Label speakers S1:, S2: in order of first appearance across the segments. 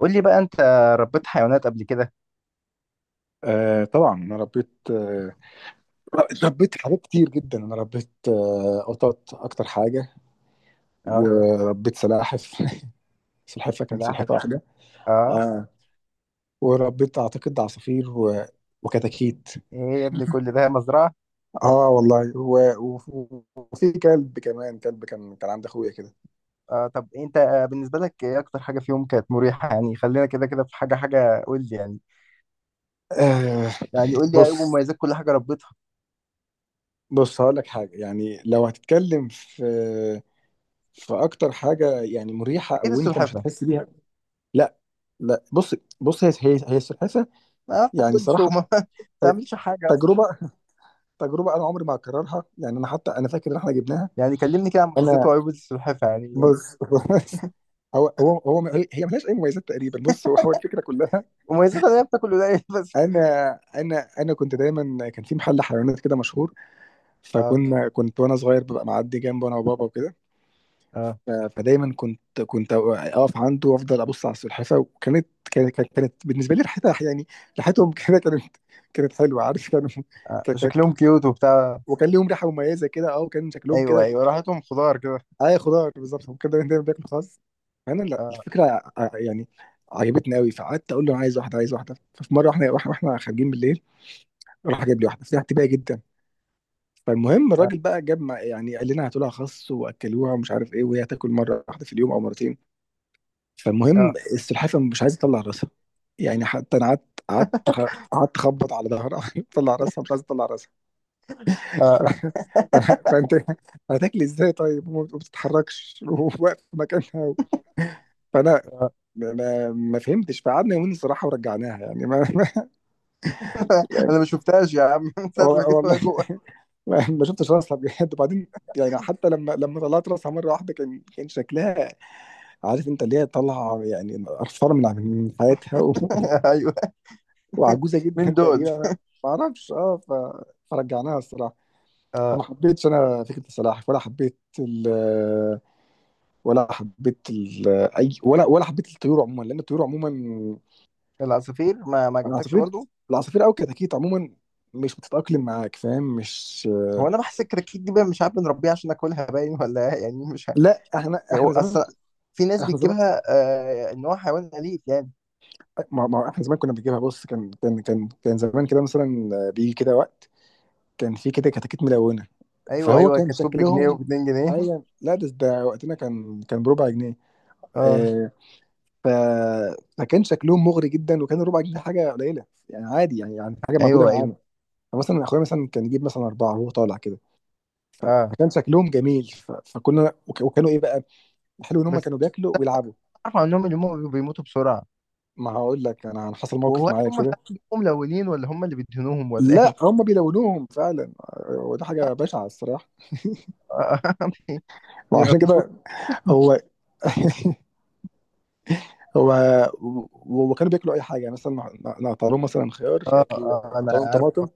S1: قول لي بقى انت ربيت حيوانات قبل كده.
S2: آه طبعا انا ربيت ربيت حاجات كتير جدا. انا ربيت قطط اكتر حاجه،
S1: اه،
S2: وربيت سلاحف سلحفه، كانت
S1: سلاحف.
S2: سلحفه واحده.
S1: اه.
S2: آه، وربيت اعتقد عصافير وكتاكيت.
S1: ايه يا ابني، كل ده مزرعة.
S2: اه والله، وفي كلب كمان، كلب كان عند اخويا كده.
S1: اه، طب انت بالنسبة لك ايه اكتر حاجة فيهم كانت مريحة؟ يعني خلينا كده، في حاجة، قول لي يعني.
S2: آه.
S1: يعني قول لي ايه
S2: بص
S1: مميزات كل حاجة ربيتها.
S2: بص هقول لك حاجه، يعني لو هتتكلم في اكتر حاجه يعني مريحه
S1: اكيد
S2: او انت مش
S1: السلحفة
S2: هتحس بيها. لا لا. بص هي السلحفه
S1: ما
S2: يعني
S1: بتاكلش
S2: صراحة.
S1: وما
S2: ت-
S1: بتعملش حاجة أصلاً.
S2: تجربة. تجربة أنا عمري ما هكررها، يعني أنا حتى أنا فاكر إن إحنا جبناها.
S1: يعني كلمني كده عن مميزات
S2: أنا،
S1: وعيوب السلحفة يعني.
S2: بص بص. هو هي ملهاش أي مميزات تقريبا. بص، هو الفكرة كلها.
S1: مميزاتها ان هي بتاكل قليل بس.
S2: أنا أنا كنت دايما، كان في محل حيوانات كده مشهور،
S1: اه،
S2: فكنا وأنا صغير ببقى معدي جنبه، أنا وبابا وكده.
S1: اه،
S2: ف- فدايما كنت أقف عنده وأفضل أبص على السلحفاة، وكانت كانت كانت كانت بالنسبة لي ريحتها، يعني ريحتهم كده، كانت حلوة، عارف، كانوا،
S1: اه، شكلهم كيوت وبتاع.
S2: وكان ليهم ريحه مميزه كده. اه، وكان شكلهم
S1: ايوه،
S2: كده.
S1: ايوه، راحتهم خضار كده.
S2: اي خضار بالظبط، هم كانوا دايما بياكلوا خس. فانا لا،
S1: اه،
S2: الفكره يعني عجبتني قوي، فقعدت اقول له انا عايز واحده، عايز واحده. ففي مره احنا واحنا خارجين بالليل، راح جاب لي واحده فيها اعتباهي جدا. فالمهم الراجل بقى جاب يعني قال لنا هاتوا لها خس واكلوها ومش عارف ايه، وهي تاكل مره واحده في اليوم او مرتين.
S1: اه،
S2: فالمهم
S1: اه
S2: السلحفاه مش عايزه تطلع راسها، يعني حتى انا قعدت قعدت اخبط على ظهرها تطلع راسها، مش عايزه تطلع راسها. ف... ف... فانت هتاكلي ازاي طيب، وما بتتحركش وواقف في مكانها. فانا
S1: اه
S2: ما, ما فهمتش، فقعدنا يومين الصراحه ورجعناها، يعني ما, ما. يعني
S1: انا ما شفتهاش يا عم من ساعه ما جيت
S2: والله
S1: وهي جوه.
S2: ما شفتش راسها بجد. وبعدين يعني حتى لما طلعت راسها مره واحده، كان شكلها، عارف انت، اللي هي طالعه يعني قرفانه من حياتها
S1: ايوه.
S2: وعجوزه
S1: مين
S2: جدا
S1: دول؟
S2: تقريبا. ما اعرفش. اه، فرجعناها الصراحه.
S1: آه.
S2: فما حبيتش انا فكره السلاحف، ولا حبيت ال- ولا حبيت الطيور عموما، لان الطيور عموما،
S1: العصافير ما عجبتكش
S2: العصافير
S1: برضو.
S2: العصافير او كتاكيت عموما، مش بتتاقلم معاك، فاهم؟ مش،
S1: هو انا بحس الكراكيت دي بقى، مش عارف بنربيها عشان ناكلها باين ولا إيه؟ يعني مش عارف.
S2: لا.
S1: يعني هو
S2: احنا زمان،
S1: اصلا في ناس
S2: احنا زمان
S1: بتجيبها. آه، ان هو حيوان اليف يعني.
S2: احنا زمان كنا بنجيبها. بص، كان زمان كده مثلا، بيجي كده وقت كان في كده كتاكيت ملونه.
S1: ايوه،
S2: فهو
S1: ايوه،
S2: كان
S1: كانت بجنيه
S2: شكلهم،
S1: و2 جنيه.
S2: ايوه لا، ده وقتنا كان بربع جنيه.
S1: اه،
S2: آه. ف، فكان شكلهم مغري جدا، وكان ربع جنيه حاجه قليله، يعني عادي، يعني حاجه موجوده
S1: ايوه، ايوه،
S2: معانا. فمثلا اخويا مثلا كان يجيب مثلا اربعه وهو طالع كده.
S1: اه.
S2: فكان شكلهم جميل. فكنا وكانوا ايه بقى، الحلو ان هم
S1: بس
S2: كانوا بياكلوا ويلعبوا.
S1: اعرف عنهم ان هم بيموتوا بسرعه.
S2: ما هقول لك، أنا حصل موقف
S1: وهو
S2: معايا
S1: هم
S2: كده.
S1: فعلا بيبقوا ملونين ولا هم اللي بيدهنوهم ولا
S2: لا،
S1: ايه؟
S2: هم بيلونوهم فعلا، وده حاجه بشعه الصراحه.
S1: آه،
S2: وعشان
S1: بيغطسوهم.
S2: كده هو. هو. و، وكانوا بياكلوا اي حاجه، يعني مثلا نقطع لهم مثلا خيار
S1: اه،
S2: ياكلوه،
S1: اه، انا
S2: نقطع لهم
S1: عارف.
S2: طماطم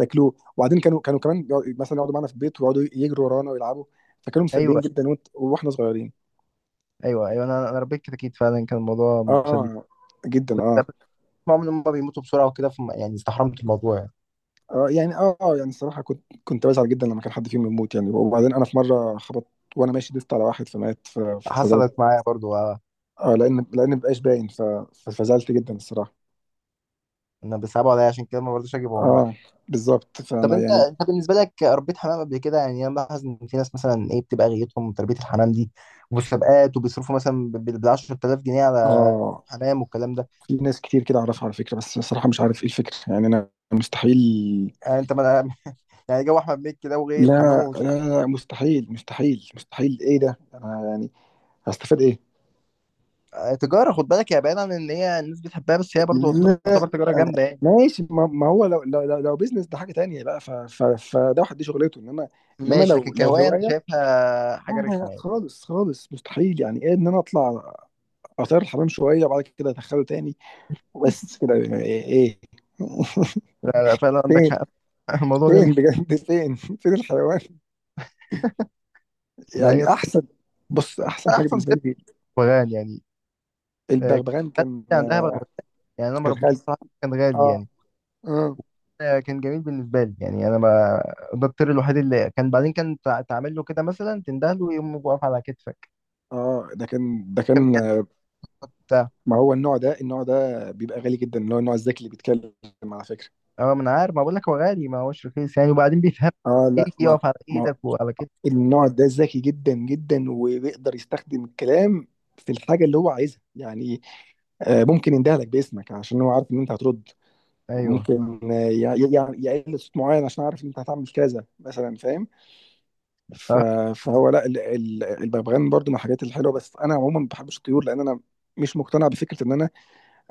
S2: ياكلوه. وبعدين كانوا كمان مثلا يقعدوا معانا في البيت ويقعدوا يجروا ورانا ويلعبوا. فكانوا مسليين
S1: ايوه،
S2: جدا، واحنا صغيرين.
S1: ايوه، ايوه، انا ربيت كتاكيت فعلا، كان الموضوع
S2: اه
S1: مسلي.
S2: آه، جدا
S1: بس، بس
S2: اه.
S1: بسمعهم ان هم بيموتوا بسرعه وكده، يعني استحرمت الموضوع يعني.
S2: اه يعني اه آه، يعني الصراحه كنت بزعل جدا لما كان حد فيهم يموت يعني. وبعدين انا في مره خبط، وانا ماشي دست على واحد فمات.
S1: حصلت
S2: فزعلت،
S1: معايا برضو آه.
S2: اه، لان مبقاش باين. فزعلت جدا الصراحه.
S1: انا بيصعبوا عليا، عشان كده ما برضوش اجيبهم بقى.
S2: اه، بالظبط.
S1: طب
S2: فانا
S1: انت،
S2: يعني
S1: بالنسبه لك ربيت حمام قبل كده؟ يعني انا بلاحظ ان في ناس مثلا ايه بتبقى غايتهم تربيه الحمام دي، ومسابقات، وبيصرفوا مثلا بال 10000 جنيه على
S2: اه.
S1: حمام والكلام ده.
S2: في ناس كتير كده اعرفها على فكره، بس الصراحه مش عارف ايه الفكره، يعني انا مستحيل.
S1: يعني انت ما يعني جو احمد مكي ده، وغايه حمامه
S2: لا
S1: ومش
S2: لا لا، مستحيل، ايه ده؟ انا يعني هستفاد ايه؟
S1: آه، تجاره، خد بالك، يا بعيد عن ان هي الناس بتحبها، بس هي برضو
S2: لا
S1: تعتبر تجاره جامده يعني.
S2: ماشي، ما ما هو، لو بيزنس ده حاجه تانية بقى، ف ف فده واحد دي شغلته، انما، انما
S1: ماشي، لكن
S2: لو
S1: كهواية انت
S2: هوايه،
S1: شايفها
S2: لا
S1: حاجة
S2: لا
S1: رخمة
S2: لا،
S1: يعني.
S2: خالص مستحيل، يعني ايه ان انا اطلع اطير الحمام شويه وبعد كده ادخله تاني؟ بس كده إيه؟
S1: لا لا، فعلا عندك
S2: فين،
S1: حق. الموضوع
S2: فين
S1: غريب.
S2: بجد فين فين الحيوان؟
S1: لا،
S2: يعني
S1: هي
S2: احسن. بص احسن حاجه
S1: احسن
S2: بالنسبه
S1: كده.
S2: لي،
S1: بغبغان يعني. آه،
S2: البغبغان،
S1: كان
S2: كان
S1: عندها بغبغان. يعني انا ما ربيتوش
S2: خالتي.
S1: بصراحة، كان غالي
S2: اه
S1: يعني.
S2: اه.
S1: آه، كان جميل بالنسبة لي. يعني انا ما ده الطير الوحيد اللي كان بعدين، كان تعمل له كده مثلا، تنده له يقوم واقف على كتفك.
S2: اه ده
S1: كان
S2: كان.
S1: بيعمل بتاع.
S2: ما هو النوع ده، بيبقى غالي جدا، اللي هو النوع الذكي اللي بيتكلم على فكره.
S1: اه، ما انا عارف، ما بقول لك هو غالي، ما هوش رخيص يعني. وبعدين بيفهم،
S2: اه لا
S1: يجي
S2: ما.
S1: يقف على
S2: ما
S1: ايدك وعلى كتفك.
S2: النوع ده ذكي جدا جدا، وبيقدر يستخدم الكلام في الحاجة اللي هو عايزها يعني. آه، ممكن يندهلك باسمك عشان هو عارف ان انت هترد.
S1: ايوه،
S2: ممكن آه، يقل صوت معين عشان عارف ان انت هتعمل كذا مثلا، فاهم؟ ف-
S1: آه،
S2: فهو لا، الببغان برضو من الحاجات الحلوة. بس انا عموما ما بحبش الطيور، لان انا مش مقتنع بفكرة ان انا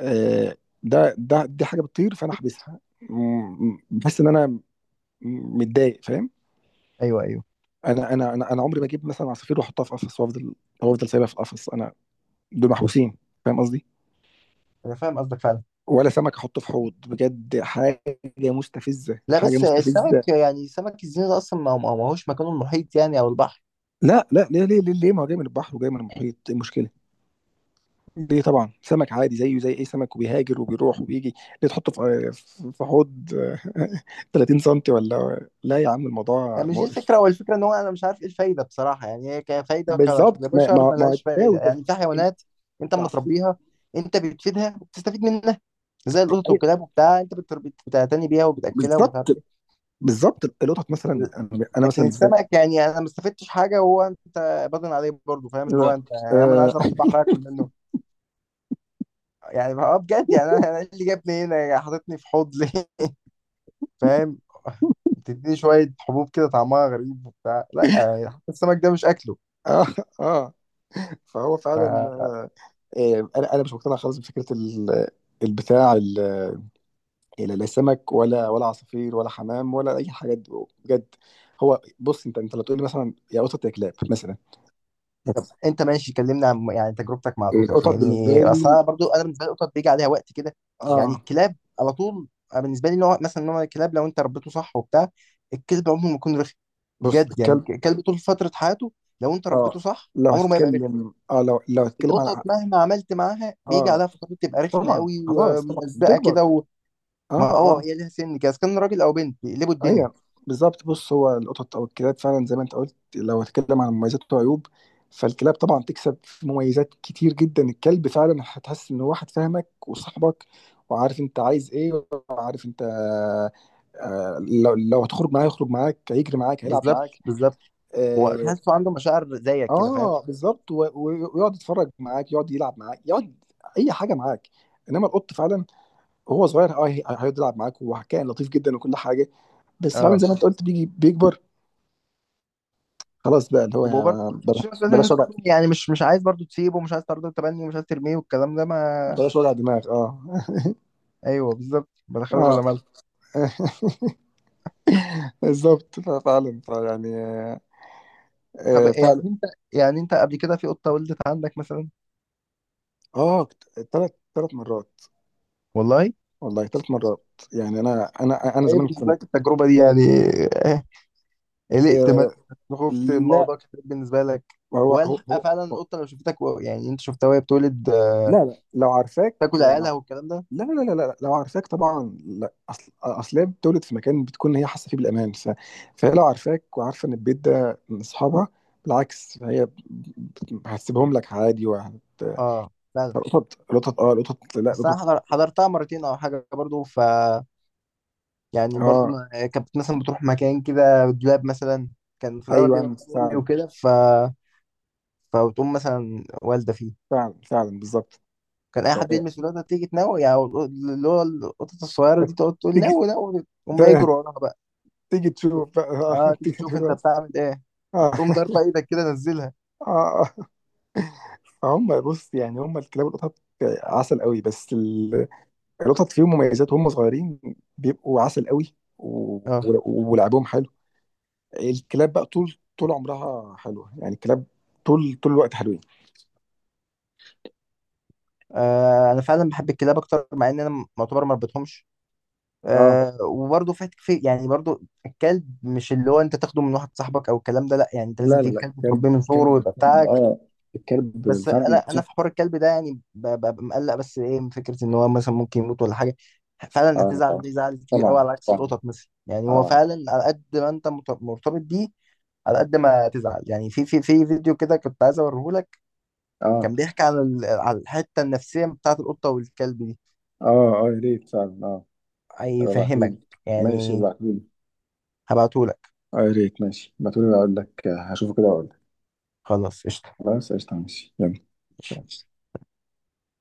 S2: آه، ده ده دي حاجة بتطير فانا احبسها. م- بحس ان انا متضايق، فاهم؟
S1: ايوه، ايوه.
S2: انا عمري ما اجيب مثلا عصافير واحطها في قفص، وافضل سايبها في القفص. انا، دول محبوسين، فاهم قصدي؟
S1: انا فاهم قصدك فعلا.
S2: ولا سمك احطه في حوض، بجد حاجه مستفزه،
S1: لا،
S2: حاجه
S1: بس السمك
S2: مستفزه.
S1: يعني، سمك الزينة ده اصلا ما هوش مكانه المحيط يعني، او البحر.
S2: لا لا، ليه؟ ما هو جاي من البحر وجاي من المحيط، ايه المشكله؟ ليه؟ طبعا سمك عادي زيه زي اي سمك، وبيهاجر وبيروح وبيجي، ليه تحطه في حوض 30 سم؟ ولا لا يا عم، الموضوع
S1: يعني مش دي الفكره،
S2: مقرف.
S1: هو الفكره ان هو، انا مش عارف ايه الفايده بصراحه يعني. هي كفايده
S2: بالظبط، ما
S1: كبشر
S2: ما
S1: ما
S2: ما
S1: لهاش
S2: ده
S1: فايده
S2: وده
S1: يعني، في حيوانات انت اما
S2: العصافير.
S1: تربيها انت بتفيدها وبتستفيد منها، زي القطط
S2: أي،
S1: والكلاب وبتاع، انت بتعتني بيها وبتاكلها ومش عارف
S2: بالظبط
S1: ايه.
S2: بالظبط، القطط مثلا، أنا مثلا
S1: لكن
S2: بالنسبه.
S1: السمك يعني انا ما استفدتش حاجه. وهو انت باضن عليه برضه، فاهم؟ اللي هو
S2: اه
S1: انت يا عم انا عايز اروح البحر اكل منه يعني، اه، بجد يعني. أنا إيه اللي جابني هنا حاططني في حوض ليه؟ فاهم. بتدي شوية حبوب كده طعمها غريب وبتاع، لا يعني حتى السمك ده مش أكله.
S2: اه آه. فهو
S1: ف...
S2: فعلا آه، انا، انا مش مقتنع خالص بفكره البتاع لا، لا سمك ولا عصافير ولا حمام ولا اي حاجه دي، بجد. هو بص انت، لو تقول لي مثلا يا قطط يا كلاب مثلا،
S1: طب أنت ماشي، كلمنا عن يعني تجربتك مع القطط
S2: القطط بالنسبه
S1: يعني.
S2: لي،
S1: أصلا برضو أنا بالنسبة لي القطط بيجي عليها وقت كده. يعني
S2: اه.
S1: الكلاب على طول. أنا بالنسبة لي نوع، مثلا نوع الكلاب، لو أنت ربيته صح وبتاع، الكلب عمره ما يكون رخم.
S2: بص
S1: بجد يعني،
S2: الكلب،
S1: الكلب طول فترة حياته لو أنت
S2: اه
S1: ربيته صح
S2: لو
S1: عمره ما يبقى رخم.
S2: هتتكلم، اه لو هتتكلم
S1: القطط
S2: عن،
S1: مهما عملت معاها بيجي
S2: اه
S1: عليها فترات تبقى رخمة
S2: طبعا،
S1: قوي
S2: خلاص طبعا
S1: وملزقة كده
S2: بتكبر،
S1: وما.
S2: اه
S1: اه،
S2: آه.
S1: هي ليها سن كده، إذا كان راجل أو بنت بيقلبوا الدنيا.
S2: ايوه بالظبط، بص هو القطط او الكلاب فعلا زي ما انت قلت، لو هتكلم عن مميزات وعيوب، فالكلاب طبعا تكسب في مميزات كتير جدا. الكلب فعلا هتحس ان هو واحد فاهمك وصاحبك، وعارف انت عايز ايه، وعارف انت آه، لو هتخرج معاه يخرج معاك، هيجري معاك، هيلعب
S1: بالظبط،
S2: معاك.
S1: بالظبط.
S2: اه
S1: وتحسه عنده مشاعر زيك كده، فاهم.
S2: آه، بالظبط. ويقعد يتفرج معاك، يقعد يلعب معاك، يقعد اي حاجه معاك. انما القط فعلا، وهو صغير، اه هيقعد يلعب معاك، وكائن لطيف جدا وكل حاجه. بس فعلا
S1: اه،
S2: زي ما انت قلت، بيجي بيكبر خلاص بقى، اللي هو يعني
S1: وبرضه انت بتشيل مسؤولية، إن
S2: بلاش
S1: أنت
S2: وجع.
S1: برضه يعني مش عايز برضه تسيبه، ومش عايز برضه تبني، ومش عايز ترميه والكلام ده ما.
S2: بلاش وجع دماغ، اه.
S1: ايوه بالظبط، بدخله
S2: اه
S1: بلا مال.
S2: بالظبط، فعلا، يعني
S1: طب
S2: آه، فعلا.
S1: يعني انت، قبل كده في قطه ولدت عندك مثلا؟
S2: اه، ثلاث مرات.
S1: والله.
S2: والله ثلاث مرات. يعني انا
S1: ايه
S2: زمان
S1: بالنسبه
S2: كنت
S1: لك التجربه دي يعني؟ إيه؟ قلقت مثلا،
S2: آه،
S1: خفت
S2: لا.
S1: الموضوع كتير بالنسبه لك؟
S2: هو هو
S1: والحق
S2: هو
S1: فعلا
S2: هو-
S1: القطه لو شفتك، يعني انت شفتها وهي بتولد،
S2: لا
S1: آه،
S2: لا لو عارفاك،
S1: تاكل عيالها والكلام ده.
S2: لا لا لا لا، لو عارفاك طبعا لا، اصل هي بتولد في مكان بتكون هي حاسه فيه بالامان. فهي لو عارفاك وعارفه ان البيت ده من اصحابها، بالعكس هي هتسيبهم لك عادي، وهت،
S1: اه فعلا.
S2: القطط القطط اه القطط لا،
S1: بس انا
S2: القطط.
S1: حضرتها مرتين او حاجه برضه، ف يعني برضو
S2: اه
S1: ما آه، كانت مثلا بتروح مكان كده، دولاب مثلا، كان في الاغلب بيبقى
S2: ايوه
S1: مكان امي
S2: فعلا،
S1: وكده ف فبتقوم مثلا والده فيه.
S2: فعلا، فعلا، بالظبط.
S1: كان اي
S2: ف-
S1: حد يلمس الولاده تيجي تنوي يعني، اللي هو القطط الصغيره دي
S2: آه،
S1: تقعد تقول
S2: تيجي،
S1: نوي نوي، هما
S2: ت-
S1: يجروا وراها بقى.
S2: تيجي تشوف بقى آه،
S1: اه، تيجي
S2: تيجي
S1: تشوف انت
S2: تقول بس.
S1: بتعمل ايه،
S2: اه
S1: تقوم ضاربه ايدك كده، نزلها.
S2: اه. هم بص يعني، هم الكلاب والقطط عسل قوي، بس القطط فيهم مميزات، وهم صغيرين بيبقوا عسل قوي،
S1: اه،
S2: ولعبهم حلو. الكلاب بقى طول عمرها حلوة، يعني الكلاب طول الوقت حلوين.
S1: آه، انا فعلا بحب الكلاب اكتر، مع ان انا معتبر ما ربيتهمش.
S2: اه
S1: آه، وبرضه في يعني برضه الكلب مش اللي هو انت تاخده من واحد صاحبك او الكلام ده، لا يعني انت لازم
S2: لا لا
S1: تجيب
S2: لا،
S1: كلب وتربيه من صغره ويبقى
S2: الكلب،
S1: بتاعك.
S2: اه الكلب
S1: بس انا
S2: فعلا.
S1: انا في حوار الكلب ده يعني ببقى مقلق، بس ايه، من فكره ان هو مثلا ممكن يموت ولا حاجه، فعلا هتزعل
S2: صح
S1: ليه زعل كبير قوي،
S2: طبعا
S1: على عكس
S2: طبعا،
S1: القطط مثلا. يعني هو
S2: اه
S1: فعلا على قد ما انت مرتبط بيه على قد ما تزعل يعني. في، في فيديو كده كنت عايز اوريه لك،
S2: اه.
S1: كان بيحكي عن على الحته النفسيه بتاعت القطه والكلب دي،
S2: اه اه، يا ريت فعلا، اه
S1: هيفهمك
S2: ابعتهولي. ماشي
S1: يعني.
S2: ابعتهولي.
S1: هبعته لك.
S2: اه يا ريت، ماشي ابعتهولي، اقول لك آه، هشوفه كده واقول لك.
S1: خلاص قشطه.
S2: خلاص قشطة، ماشي يلا.
S1: ماشي.
S2: سلام.